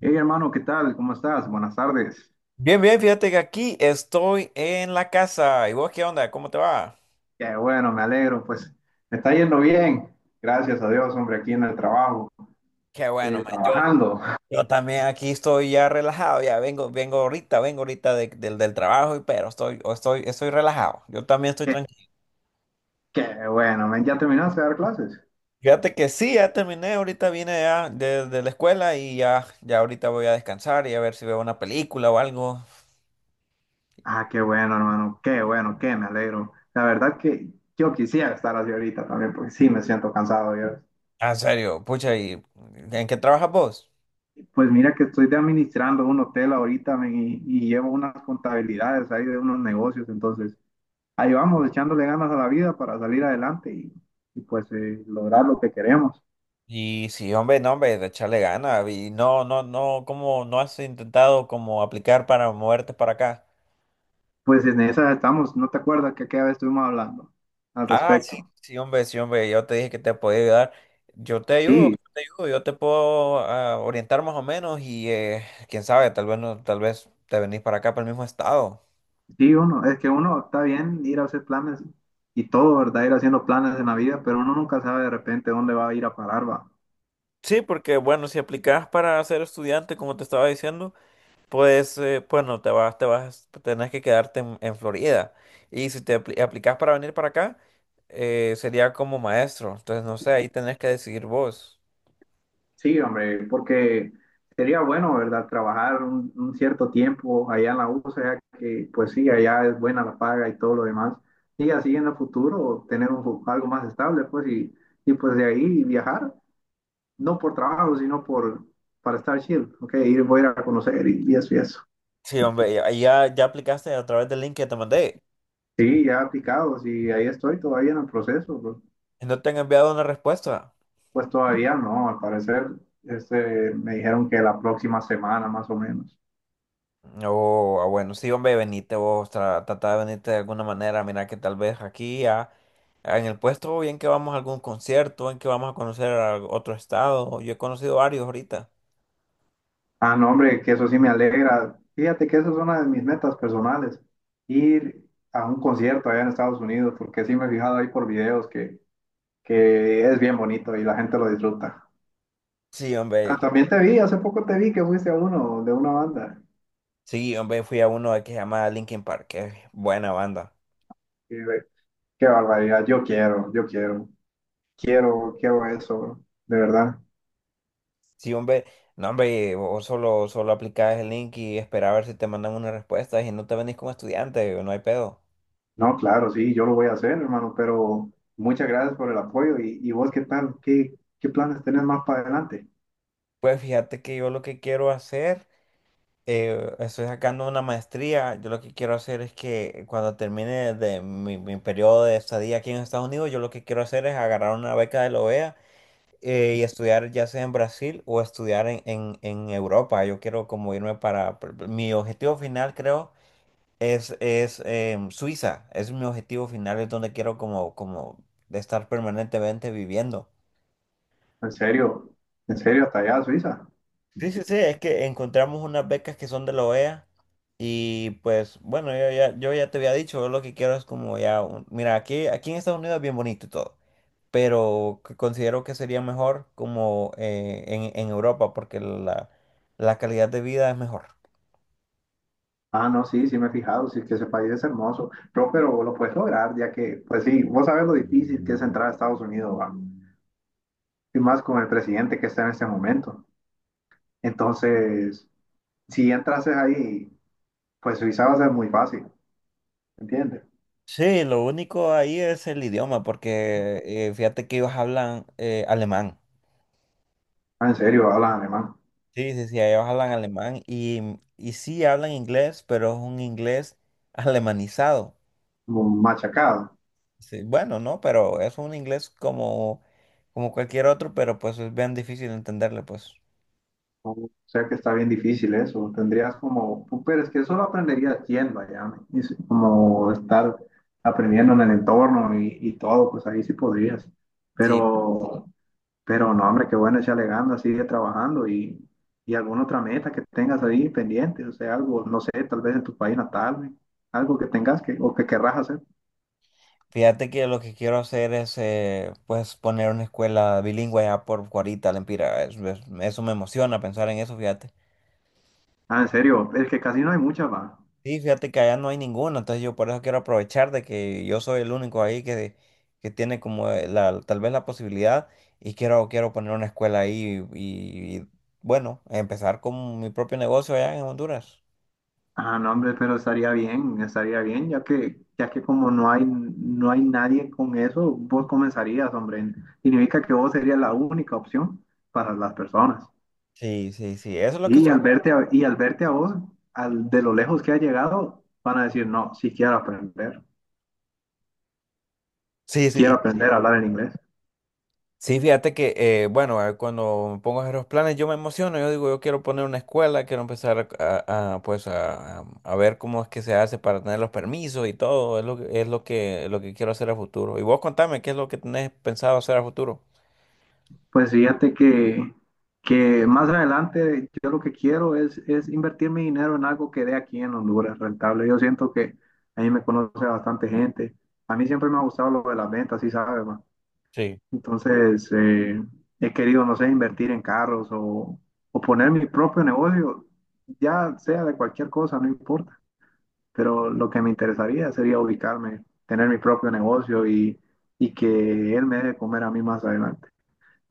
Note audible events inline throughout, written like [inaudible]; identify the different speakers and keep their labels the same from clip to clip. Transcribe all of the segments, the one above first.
Speaker 1: Hey hermano, ¿qué tal? ¿Cómo estás? Buenas tardes.
Speaker 2: Bien, bien, fíjate que aquí estoy en la casa. ¿Y vos qué onda? ¿Cómo te va?
Speaker 1: Qué bueno, me alegro. Pues me está yendo bien. Gracias a Dios, hombre, aquí en el trabajo,
Speaker 2: Qué bueno, man. Yo,
Speaker 1: trabajando.
Speaker 2: yo también aquí estoy ya relajado. Ya vengo, vengo ahorita del trabajo, pero estoy, estoy relajado. Yo también
Speaker 1: [laughs]
Speaker 2: estoy
Speaker 1: Qué,
Speaker 2: tranquilo.
Speaker 1: qué bueno, men. ¿Ya terminaste de dar clases?
Speaker 2: Fíjate que sí, ya terminé. Ahorita vine ya de la escuela y ya, ya ahorita voy a descansar y a ver si veo una película o algo.
Speaker 1: Ah, qué bueno, hermano. Qué bueno, qué me alegro. La verdad que yo quisiera estar así ahorita también, porque sí me siento cansado yo.
Speaker 2: Ah, en serio, pucha, ¿y en qué trabajas vos?
Speaker 1: Pues mira que estoy de administrando un hotel ahorita, men, y llevo unas contabilidades ahí de unos negocios, entonces ahí vamos echándole ganas a la vida para salir adelante y, pues lograr lo que queremos.
Speaker 2: Y sí, hombre, no, hombre, de echarle ganas. Y no, no, no, ¿cómo no has intentado como aplicar para moverte para acá?
Speaker 1: Pues en esa estamos, ¿no te acuerdas que aquella vez estuvimos hablando al
Speaker 2: Ah, sí,
Speaker 1: respecto?
Speaker 2: sí, hombre, yo te dije que te podía ayudar. Yo te ayudo,
Speaker 1: Sí,
Speaker 2: yo te ayudo, yo te puedo orientar más o menos y quién sabe, tal vez no, tal vez te venís para acá, para el mismo estado.
Speaker 1: sí, uno, es que uno está bien ir a hacer planes y todo, ¿verdad? Ir haciendo planes en la vida, pero uno nunca sabe de repente dónde va a ir a parar, va.
Speaker 2: Sí, porque bueno, si aplicas para ser estudiante, como te estaba diciendo. Pues, bueno, te vas, tenés que quedarte en Florida. Y si te aplicas para venir para acá, sería como maestro. Entonces, no sé, ahí tenés que decidir vos.
Speaker 1: Sí, hombre, porque sería bueno, ¿verdad? Trabajar un cierto tiempo allá en la USA, ya que pues sí, allá es buena la paga y todo lo demás. Y así en el futuro tener un, algo más estable, pues, y pues de ahí viajar, no por trabajo, sino por, para estar chill, ¿ok? Ir, voy a ir a conocer y eso y eso.
Speaker 2: Sí, hombre, ya, ya aplicaste a través del link que te mandé.
Speaker 1: Sí, ya aplicados y ahí estoy todavía en el proceso, bro.
Speaker 2: ¿Y no te han enviado una respuesta?
Speaker 1: Pues todavía no, al parecer, este, me dijeron que la próxima semana más o menos.
Speaker 2: O, ah, bueno, sí, hombre, venite vos, trata de venirte de alguna manera. Mira que tal vez aquí en el puesto, bien que vamos a algún concierto, en que vamos a conocer a otro estado. Yo he conocido varios ahorita.
Speaker 1: Ah, no, hombre, que eso sí me alegra. Fíjate que esa es una de mis metas personales, ir a un concierto allá en Estados Unidos, porque sí me he fijado ahí por videos que es bien bonito y la gente lo disfruta.
Speaker 2: Sí,
Speaker 1: Ah,
Speaker 2: hombre.
Speaker 1: también te vi, hace poco te vi que fuiste a uno de una banda.
Speaker 2: Sí, hombre, fui a uno que se llama Linkin Park, que es buena banda.
Speaker 1: Qué, qué barbaridad, yo quiero, quiero, quiero eso, de verdad.
Speaker 2: Sí, hombre, no, hombre, vos solo, solo aplicabas el link y esperabas a ver si te mandan una respuesta y no te venís como estudiante, no hay pedo.
Speaker 1: No, claro, sí, yo lo voy a hacer, hermano, pero muchas gracias por el apoyo. Y vos qué tal? ¿Qué, qué planes tenés más para adelante?
Speaker 2: Pues fíjate que yo lo que quiero hacer, estoy sacando una maestría, yo lo que quiero hacer es que cuando termine de mi periodo de estadía aquí en Estados Unidos, yo lo que quiero hacer es agarrar una beca de la OEA y estudiar ya sea en Brasil o estudiar en Europa. Yo quiero como irme para, mi objetivo final creo es Suiza, es mi objetivo final, es donde quiero como de estar permanentemente viviendo.
Speaker 1: En serio, en serio, hasta allá, a Suiza.
Speaker 2: Sí, sí, sí, es que encontramos unas becas que son de la OEA y pues bueno, yo ya, yo ya te había dicho, yo lo que quiero es como ya, mira, aquí en Estados Unidos es bien bonito y todo, pero que considero que sería mejor como en Europa porque la calidad de vida es mejor.
Speaker 1: Ah, no, sí, sí me he fijado, sí que ese país es hermoso, pero lo puedes lograr, ya que, pues sí, vos sabes lo difícil que es entrar a Estados Unidos, va, y más con el presidente que está en este momento. Entonces, si entrases ahí, pues Suiza va a ser muy fácil, ¿entiendes?
Speaker 2: Sí, lo único ahí es el idioma, porque fíjate que ellos hablan alemán.
Speaker 1: Ah, en serio, hablas alemán,
Speaker 2: Sí, sí, sí, ellos hablan alemán y sí hablan inglés, pero es un inglés [laughs] alemanizado.
Speaker 1: como machacado.
Speaker 2: Sí, bueno, no, pero es un inglés como, como cualquier otro, pero pues es bien difícil entenderle, pues.
Speaker 1: O sea que está bien difícil eso, tendrías como, pues, pero es que eso lo aprenderías yendo allá, ¿no? Y sí, como estar aprendiendo en el entorno y todo, pues ahí sí podrías.
Speaker 2: Sí,
Speaker 1: Pero... pero no, hombre, qué bueno echarle ganas, sigue trabajando y alguna otra meta que tengas ahí pendiente, o sea, algo, no sé, tal vez en tu país natal, güey, algo que tengas que o que querrás hacer.
Speaker 2: fíjate que lo que quiero hacer es pues poner una escuela bilingüe ya por Cuarita, Lempira. Eso me emociona pensar en eso, fíjate.
Speaker 1: Ah, en serio, es que casi no hay muchas, va.
Speaker 2: Sí, fíjate que allá no hay ninguno, entonces yo por eso quiero aprovechar de que yo soy el único ahí que tiene como la, tal vez la posibilidad y quiero, quiero poner una escuela ahí y, bueno, empezar con mi propio negocio allá en Honduras.
Speaker 1: Ah, no, hombre, pero estaría bien, ya que como no hay, no hay nadie con eso, vos comenzarías, hombre. Significa que vos serías la única opción para las personas.
Speaker 2: Sí, sí, sí, eso es lo que estoy.
Speaker 1: Y al verte a vos, al, de lo lejos que has llegado, van a decir, no, si quiero aprender.
Speaker 2: Sí, sí.
Speaker 1: Quiero aprender a hablar en inglés.
Speaker 2: Sí, fíjate que, bueno, cuando me pongo a hacer los planes, yo me emociono, yo digo, yo quiero poner una escuela, quiero empezar pues a ver cómo es que se hace para tener los permisos y todo, es lo que quiero hacer a futuro. Y vos contame, ¿qué es lo que tenés pensado hacer a futuro?
Speaker 1: Pues fíjate que más adelante yo lo que quiero es invertir mi dinero en algo que dé aquí en Honduras rentable. Yo siento que a mí me conoce bastante gente. A mí siempre me ha gustado lo de las ventas, sí sabes, ma.
Speaker 2: Sí.
Speaker 1: Entonces he querido, no sé, invertir en carros o poner mi propio negocio, ya sea de cualquier cosa, no importa. Pero lo que me interesaría sería ubicarme, tener mi propio negocio y que él me dé de comer a mí más adelante,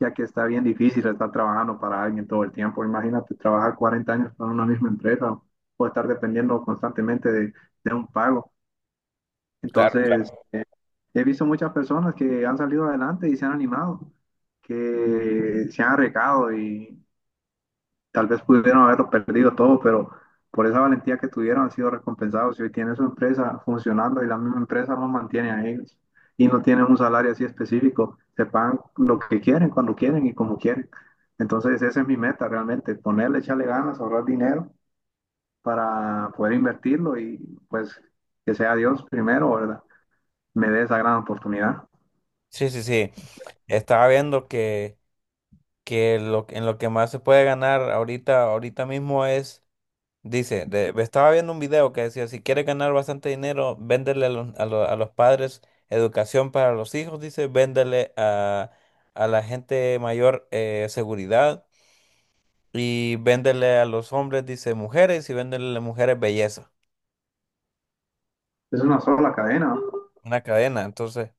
Speaker 1: ya que está bien difícil estar trabajando para alguien todo el tiempo. Imagínate trabajar 40 años para una misma empresa o estar dependiendo constantemente de un pago.
Speaker 2: Claro,
Speaker 1: Entonces,
Speaker 2: claro.
Speaker 1: he visto muchas personas que han salido adelante y se han animado, que se han arriesgado y, tal vez pudieron haberlo perdido todo, pero por esa valentía que tuvieron han sido recompensados y hoy tienen su empresa funcionando y la misma empresa los mantiene a ellos y no tienen un salario así específico, se pagan lo que quieren, cuando quieren y como quieren. Entonces esa es mi meta realmente, ponerle, echarle ganas, ahorrar dinero para poder invertirlo y pues que sea Dios primero, ¿verdad? Me dé esa gran oportunidad.
Speaker 2: Sí, sí, sí. Estaba viendo que lo, en lo que más se puede ganar ahorita mismo es. Dice, estaba viendo un video que decía, si quieres ganar bastante dinero, véndele a los, a los padres educación para los hijos, dice, véndele a la gente mayor seguridad y véndele a los hombres, dice, mujeres y véndele a las mujeres belleza.
Speaker 1: Es una sola cadena.
Speaker 2: Una cadena, entonces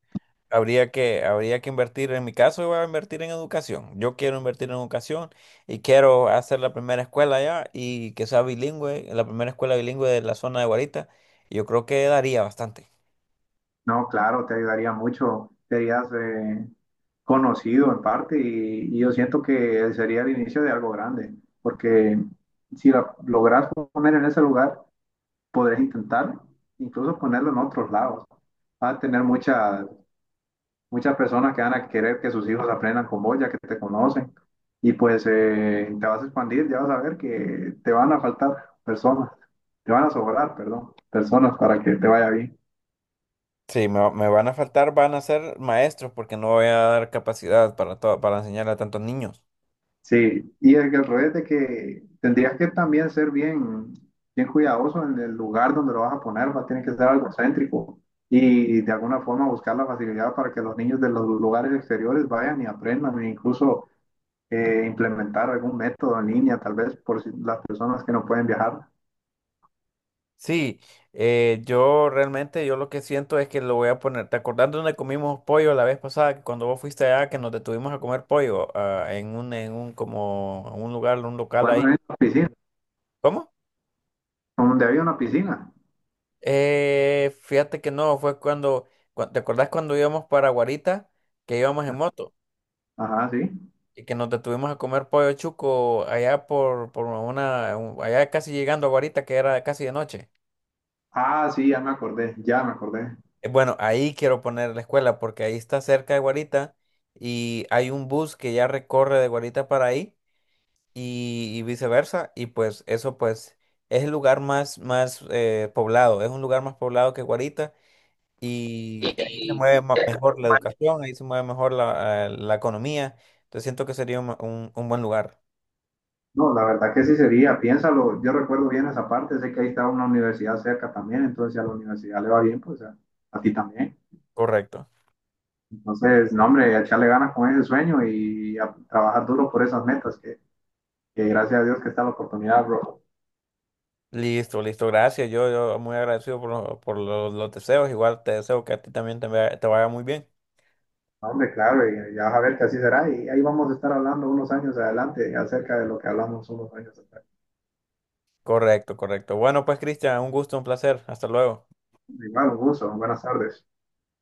Speaker 2: habría que invertir, en mi caso, yo voy a invertir en educación. Yo quiero invertir en educación y quiero hacer la primera escuela allá y que sea bilingüe, la primera escuela bilingüe de la zona de Guarita. Yo creo que daría bastante.
Speaker 1: No, claro, te ayudaría mucho, te harías conocido en parte y yo siento que sería el inicio de algo grande, porque si la logras poner en ese lugar, podrás intentar incluso ponerlo en otros lados. Va a tener muchas, muchas personas que van a querer que sus hijos aprendan con vos, ya que te conocen, y pues te vas a expandir, ya vas a ver que te van a faltar personas, te van a sobrar, perdón, personas para que te vaya bien.
Speaker 2: Sí, me van a faltar, van a ser maestros porque no voy a dar capacidad para todo, para enseñar a tantos niños.
Speaker 1: Sí, y el, que al revés de que tendrías que también ser bien, bien cuidadoso en el lugar donde lo vas a poner, va, tiene que ser algo céntrico y de alguna forma buscar la facilidad para que los niños de los lugares exteriores vayan y aprendan e incluso implementar algún método en línea, tal vez por si las personas que no pueden viajar.
Speaker 2: Sí, yo realmente, yo lo que siento es que lo voy a poner, ¿te acordás de donde comimos pollo la vez pasada? Que cuando vos fuiste allá, que nos detuvimos a comer pollo, ah, en un, como, un lugar, un local
Speaker 1: Bueno, en
Speaker 2: ahí.
Speaker 1: la piscina,
Speaker 2: ¿Cómo?
Speaker 1: donde había una piscina.
Speaker 2: Fíjate que no, fue cuando, ¿te acordás cuando íbamos para Guarita, que íbamos en moto?
Speaker 1: Ajá, sí.
Speaker 2: Y que nos detuvimos a comer pollo chuco allá por, allá casi llegando a Guarita, que era casi de noche.
Speaker 1: Ah, sí, ya me acordé, ya me acordé.
Speaker 2: Bueno, ahí quiero poner la escuela porque ahí está cerca de Guarita y hay un bus que ya recorre de Guarita para ahí y viceversa y pues eso pues es el lugar más poblado, es un lugar más poblado que Guarita y ahí se mueve mejor la educación, ahí se mueve mejor la, la economía, entonces siento que sería un buen lugar,
Speaker 1: No, la verdad que sí sería, piénsalo, yo recuerdo bien esa parte, sé que ahí está una universidad cerca también, entonces si a la universidad le va bien, pues a ti también.
Speaker 2: correcto.
Speaker 1: Entonces, no, hombre, echarle ganas con ese sueño y a trabajar duro por esas metas, que gracias a Dios que está la oportunidad, bro.
Speaker 2: Listo, listo, gracias. Yo muy agradecido por, por los deseos. Igual te deseo que a ti también te vaya muy bien.
Speaker 1: No, hombre, claro, y ya vas a ver que así será, y ahí vamos a estar hablando unos años adelante acerca de lo que hablamos unos años atrás.
Speaker 2: Correcto, correcto. Bueno, pues Cristian, un gusto, un placer. Hasta luego.
Speaker 1: Igual, un gusto, buenas tardes.